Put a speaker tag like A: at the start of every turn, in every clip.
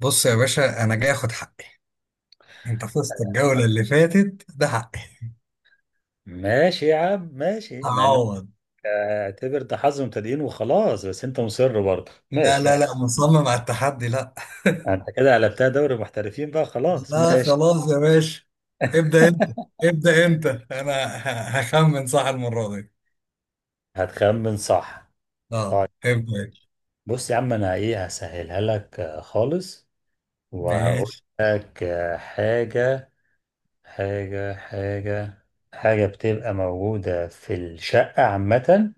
A: بص يا باشا، انا جاي اخد حقي. انت فزت الجولة اللي فاتت، ده حقي
B: ماشي يا عم، ماشي. مع انك
A: هعوض.
B: اعتبر ده حظ مبتدئين وخلاص، بس انت مصر برضه،
A: لا
B: ماشي
A: لا
B: يعني.
A: لا مصمم على التحدي. لا
B: انت كده قلبتها دوري محترفين بقى، خلاص
A: لا
B: ماشي.
A: خلاص يا باشا. ابدأ انت. ابدأ انت، انا هخمن صح المرة دي.
B: هتخمن صح؟
A: اه
B: طيب
A: ابدأ انت.
B: بص يا عم، انا ايه، هسهلها لك خالص. وهقول
A: ماشي.
B: لك حاجة. حاجة حاجة حاجة بتبقى موجودة في الشقة عامة.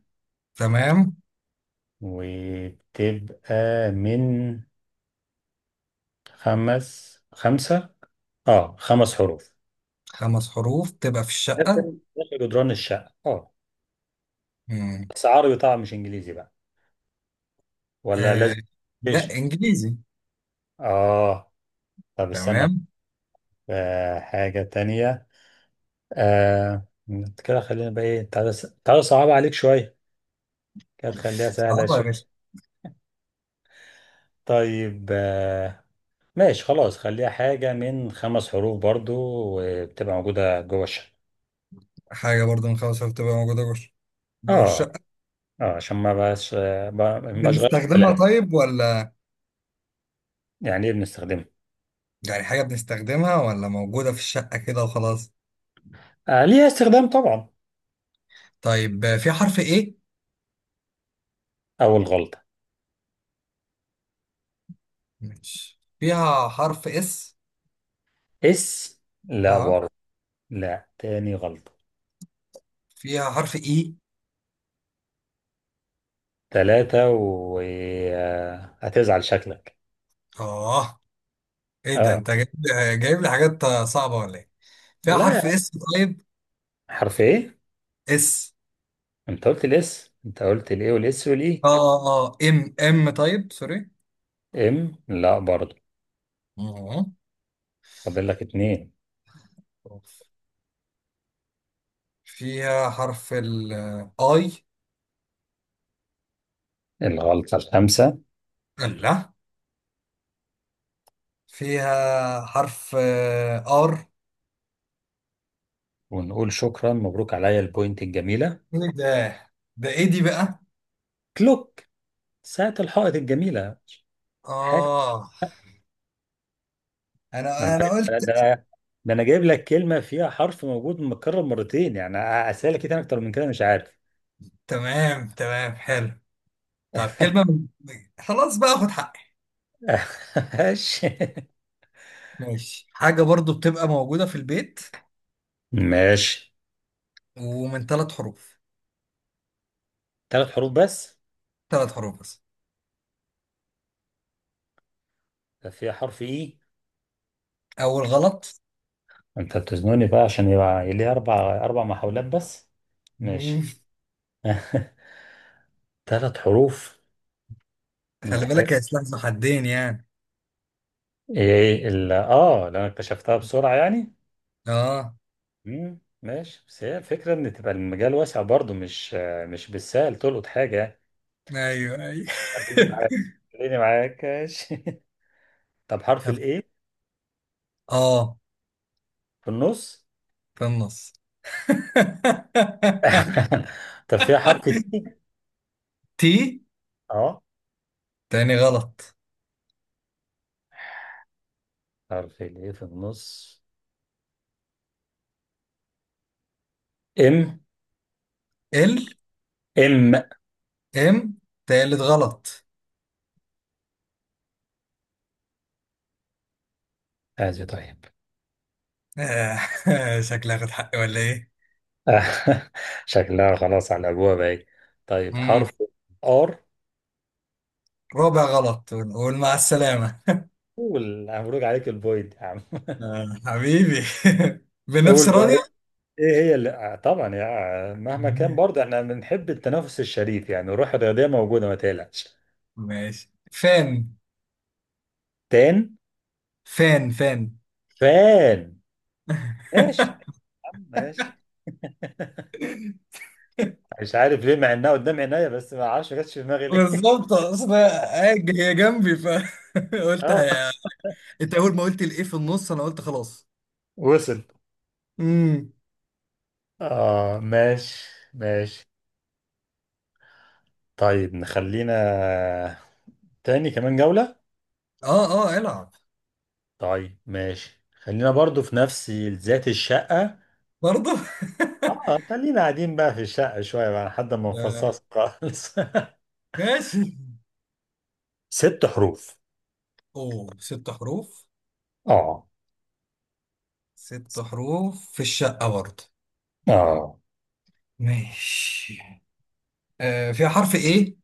A: تمام.
B: وبتبقى من خمس خمسة اه خمس حروف.
A: خمس حروف تبقى في
B: ده
A: الشقة.
B: فيلم اسمه جدران الشقة، اه.
A: مم.
B: بس عربي طبعا، مش انجليزي بقى، ولا لازم؟
A: آه. لا
B: ليش؟
A: انجليزي.
B: اه. طب استنى.
A: تمام.
B: آه، حاجة تانية. آه، كده خلينا بقى ايه، تعالى، تعالى صعبة عليك شوية. كده تخليها سهلة
A: صعبة يا
B: شوية.
A: باشا.
B: طيب آه، ماشي خلاص. خليها حاجة من خمس حروف برضو، وبتبقى موجودة جوه الشقة.
A: حاجة برضو من خمس حروف تبقى موجودة جوه
B: اه
A: الشقة.
B: اه، عشان ما بقاش ما بقاش غير
A: بنستخدمها
B: كلام.
A: طيب ولا؟
B: يعني ايه بنستخدمها؟
A: يعني حاجة بنستخدمها ولا موجودة في الشقة كده وخلاص؟
B: آه، ليها استخدام طبعا.
A: طيب في حرف ايه؟
B: أول غلطة.
A: مش فيها حرف اس؟
B: اس؟ لا
A: اه
B: برضه. لا، تاني غلطة.
A: فيها حرف اي.
B: تلاتة وهتزعل شكلك.
A: اه ايه ده
B: اه.
A: انت جايب، جايب لي حاجات صعبة ولا ايه؟ فيها حرف
B: لا،
A: اس؟ طيب
B: حرف ايه؟
A: اس.
B: انت قلت الاس، انت قلت الايه والاس والاي.
A: اه ام ام، طيب سوري.
B: ام؟ لا برضه.
A: اه
B: فاضل لك اتنين.
A: فيها حرف ال اي؟
B: الغلطة الخامسة.
A: لا، فيها حرف ار؟
B: ونقول شكرا، مبروك عليا البوينت الجميلة.
A: ايه ده، ده ايه دي بقى؟
B: كلوك، ساعة الحائط الجميلة. حاجة،
A: اه.
B: ده انا،
A: انا قلت.
B: ده ده أنا جايب لك كلمة فيها حرف موجود متكرر مرتين، يعني اسألك ايه تاني اكتر من كده؟ مش عارف.
A: تمام تمام حلو. طب كلمة خلاص بقى خد حقي.
B: ماشي
A: ماشي. حاجة برضو بتبقى موجودة في البيت،
B: ماشي.
A: ومن ثلاث حروف.
B: ثلاث حروف بس.
A: ثلاث حروف بس.
B: ده فيها حرف اي.
A: أول غلط.
B: انت بتزنوني بقى، عشان يبقى ليه اربع محاولات بس. ماشي.
A: مم.
B: ثلاث حروف،
A: خلي
B: محتاج
A: بالك، يا سلاح ذو حدين يعني.
B: ايه ال اه لو انا اكتشفتها بسرعة يعني.
A: اه.
B: مم. ماشي، بس هي الفكرة ان تبقى المجال واسع برضو، مش بالسهل تلقط حاجة يعني.
A: ايوه ايوه.
B: خليني معاك، خليني معاك ماشي. طب حرف
A: طب،
B: الايه
A: اه
B: في النص.
A: في النص.
B: طب فيها حرف تي؟
A: تي؟
B: اه،
A: تاني غلط.
B: حرف الايه في النص. ام؟
A: ال؟
B: ام؟
A: ام؟ تالت غلط.
B: هذه؟ طيب.
A: آه. شكلي هاخد حقي ولا
B: شكلها خلاص على ابوها ايه. طيب،
A: ايه؟
B: حرف ار.
A: رابع غلط، ونقول مع السلامة.
B: مبروك عليك البوينت يا عم.
A: آه حبيبي. بنفس
B: قول بقى ايه.
A: راضية.
B: إيه هي اللي طبعا يا مهما كان برضه، احنا بنحب التنافس الشريف، يعني الروح الرياضيه موجوده، ما تقلقش.
A: ماشي، فان،
B: تان.
A: فان فان.
B: فان. ماشي يا عم، ماشي. مش عارف ليه، مع انها قدام عينيا، بس ما اعرفش ما جاتش في دماغي ليه.
A: بالظبط، اصل هي، هي جنبي فقلت
B: اه،
A: هي. انت اول ما قلت الايه في النص انا قلت خلاص.
B: وصل.
A: امم.
B: اه، ماشي ماشي. طيب نخلينا تاني كمان جوله.
A: اه اه العب.
B: طيب ماشي، خلينا برضو في نفس ذات الشقة.
A: برضه.
B: اه، خلينا قاعدين بقى في الشقة شوية، بقى لحد ما
A: آه،
B: نفصص خالص.
A: ماشي.
B: ست حروف.
A: اوه، ست حروف.
B: اه
A: ست حروف في الشقة برضه.
B: اه،
A: ماشي. آه فيها حرف ايه؟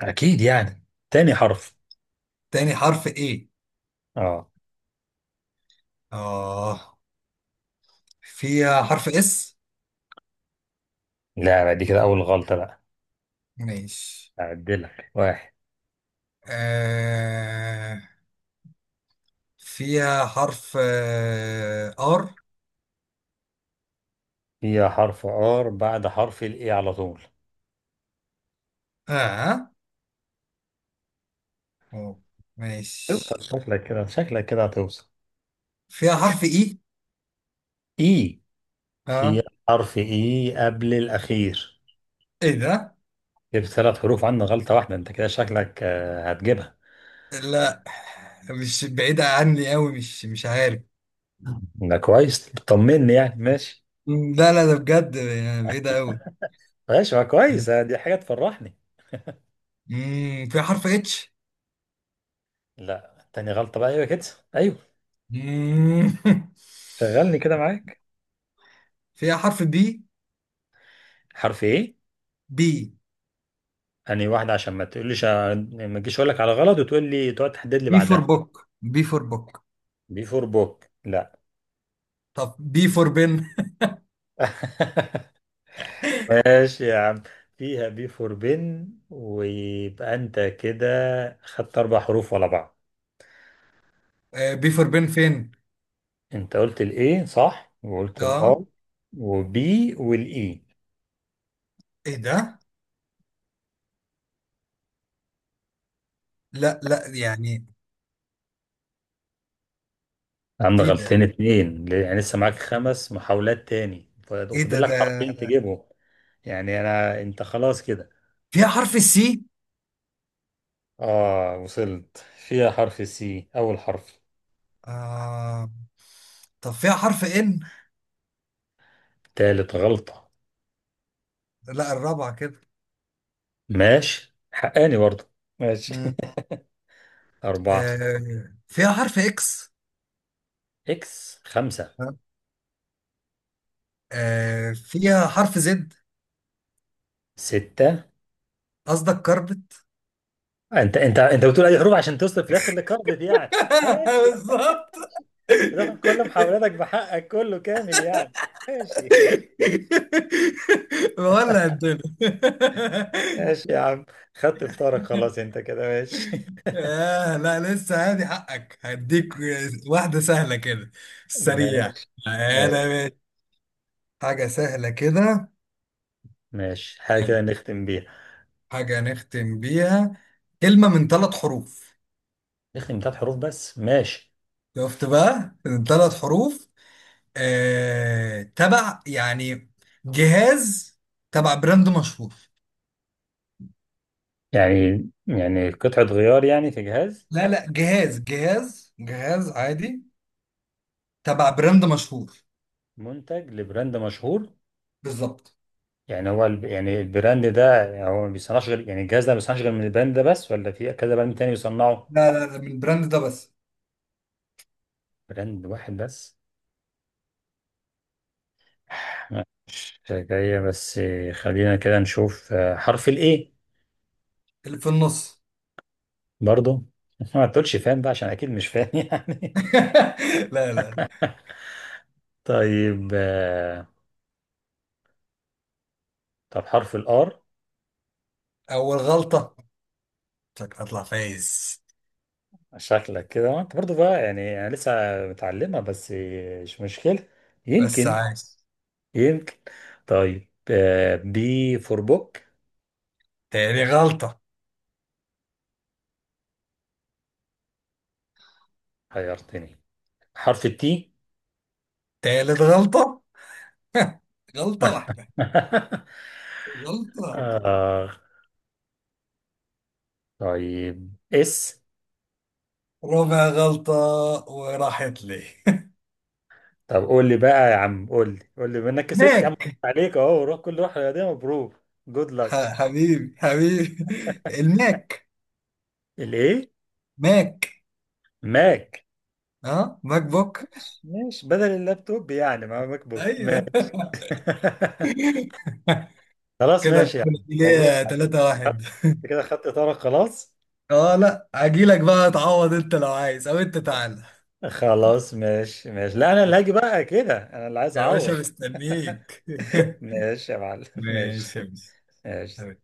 B: اكيد يعني. تاني حرف.
A: تاني حرف ايه؟
B: اه.
A: اه. فيها حرف اس؟
B: لا بقى، دي كده اول غلطة بقى.
A: ماشي.
B: اعدلك واحد.
A: آه فيها حرف ار؟
B: هي حرف ار بعد حرف الاي على طول.
A: اه. أوه. ماشي.
B: اوصل، شكلك كده، شكلك كده هتوصل.
A: فيها حرف اي؟
B: اي، في
A: اه.
B: حرف اي قبل الاخير.
A: ايه ده؟
B: جبت ثلاث حروف عندنا، غلطة واحدة، انت كده شكلك هتجيبها.
A: لا، مش بعيدة عني قوي، مش عارف.
B: ده كويس، طمني يعني، ماشي.
A: مم، لا لا ده بجد يعني بعيدة قوي.
B: ماشي، ما كويس دي حاجة تفرحني.
A: امم، فيها حرف اتش؟
B: لا، تاني غلطة بقى. ايوه كده، ايوه.
A: مم.
B: شغلني كده معاك.
A: فيها حرف بي؟
B: حرف ايه؟
A: بي،
B: اني واحدة، عشان ما تقوليش ما تجيش اقول لك على غلط، وتقول لي تقعد تحدد لي
A: بي فور
B: بعدها.
A: بوك، بي فور بوك.
B: بي فور بوك؟ لا.
A: طب بي فور بن.
B: ماشي يا عم. فيها بي فور بن، ويبقى انت كده خدت اربع حروف ورا بعض.
A: آه، بي فور بن فين؟
B: انت قلت الايه صح، وقلت
A: اه
B: الار وبي والاي.
A: ايه ده؟ لا لا يعني
B: عم
A: ايه ده،
B: غلطين اتنين يعني، لسه معاك خمس محاولات تاني
A: ايه
B: وفاضل
A: ده
B: لك
A: ده
B: حرفين تجيبهم. يعني انا، انت خلاص كده.
A: فيها حرف السي؟
B: اه، وصلت. فيها حرف سي، اول حرف.
A: آه. طب فيها حرف ان؟
B: تالت غلطة.
A: لا، الرابعة كده.
B: ماشي، حقاني برضه. ماشي.
A: مم.
B: أربعة.
A: آه فيها حرف اكس؟
B: إكس، خمسة.
A: آه فيها حرف زد؟
B: ستة.
A: قصدك كربت.
B: أنت بتقول أي حروف عشان توصل في الآخر لكارفد يعني. ماشي.
A: بالظبط.
B: بتاخد كل محاولاتك بحقك كله كامل يعني. ماشي.
A: ولا الدنيا.
B: ماشي يا عم. خدت فطارك خلاص، أنت كده ماشي.
A: آه لا، لسه هادي حقك، هديك واحدة سهلة كده، سريع.
B: ماشي. ماشي.
A: انا حاجة سهلة كده.
B: ماشي، حاجة
A: حلو،
B: كده نختم بيها.
A: حاجة نختم بيها. كلمة من ثلاث حروف.
B: نختم بثلاث حروف بس، ماشي.
A: شفت بقى، من ثلاث حروف. تبع يعني جهاز، تبع براند مشهور.
B: يعني قطعة غيار يعني، في جهاز؟
A: لا لا، جهاز جهاز عادي، تبع براند مشهور.
B: منتج لبراند مشهور؟
A: بالظبط.
B: يعني هو البراند ده يعني هو ما بيصنعش غير، يعني الجهاز ده ما بيصنعش غير من البراند ده بس، ولا في كذا براند تاني بيصنعه؟
A: لا لا لا، من البراند ده بس.
B: براند واحد بس. مش جاية. بس خلينا كده نشوف حرف الايه.
A: اللي في النص.
B: برضو؟ ما تقولش فاهم بقى، عشان اكيد مش فاهم يعني.
A: لا لا.
B: طيب طب حرف الار.
A: أول غلطة. شكلك هطلع فايز.
B: شكلك كده، وانت برضو بقى يعني، انا لسه متعلمة، بس مش مشكلة.
A: بس
B: يمكن،
A: عايز.
B: يمكن. طيب بي فور بوك؟
A: تاني غلطة.
B: حيرتني. حرف التي.
A: تالت غلطة. غلطة واحدة. غلطة.
B: آه. طيب اس.
A: ربع غلطة وراحت لي.
B: طب قول لي بقى يا عم، قول لي، قول لي منك، كسبت يا عم.
A: ماك.
B: عليك اهو، روح كل، روح رياضية، مبروك. جود لك.
A: حبيبي حبيبي. الماك.
B: الايه.
A: ماك.
B: ماك.
A: ها، ماك بوك.
B: ماشي ماشي، بدل اللابتوب يعني، مع ماك بوك
A: ايوه.
B: ماشي. خلاص
A: كده
B: ماشي يا عم، مبروك
A: الكلية
B: عليك.
A: 3 واحد.
B: انت كده خدت اطارك خلاص.
A: اه لا، اجيلك بقى تعوض انت لو عايز، او انت تعالى.
B: خلاص ماشي ماشي، لا انا اللي هاجي بقى كده، انا اللي عايز
A: يا باشا
B: اعوض.
A: مستنيك.
B: ماشي يا معلم. ماشي،
A: ماشي يا باشا.
B: ماشي.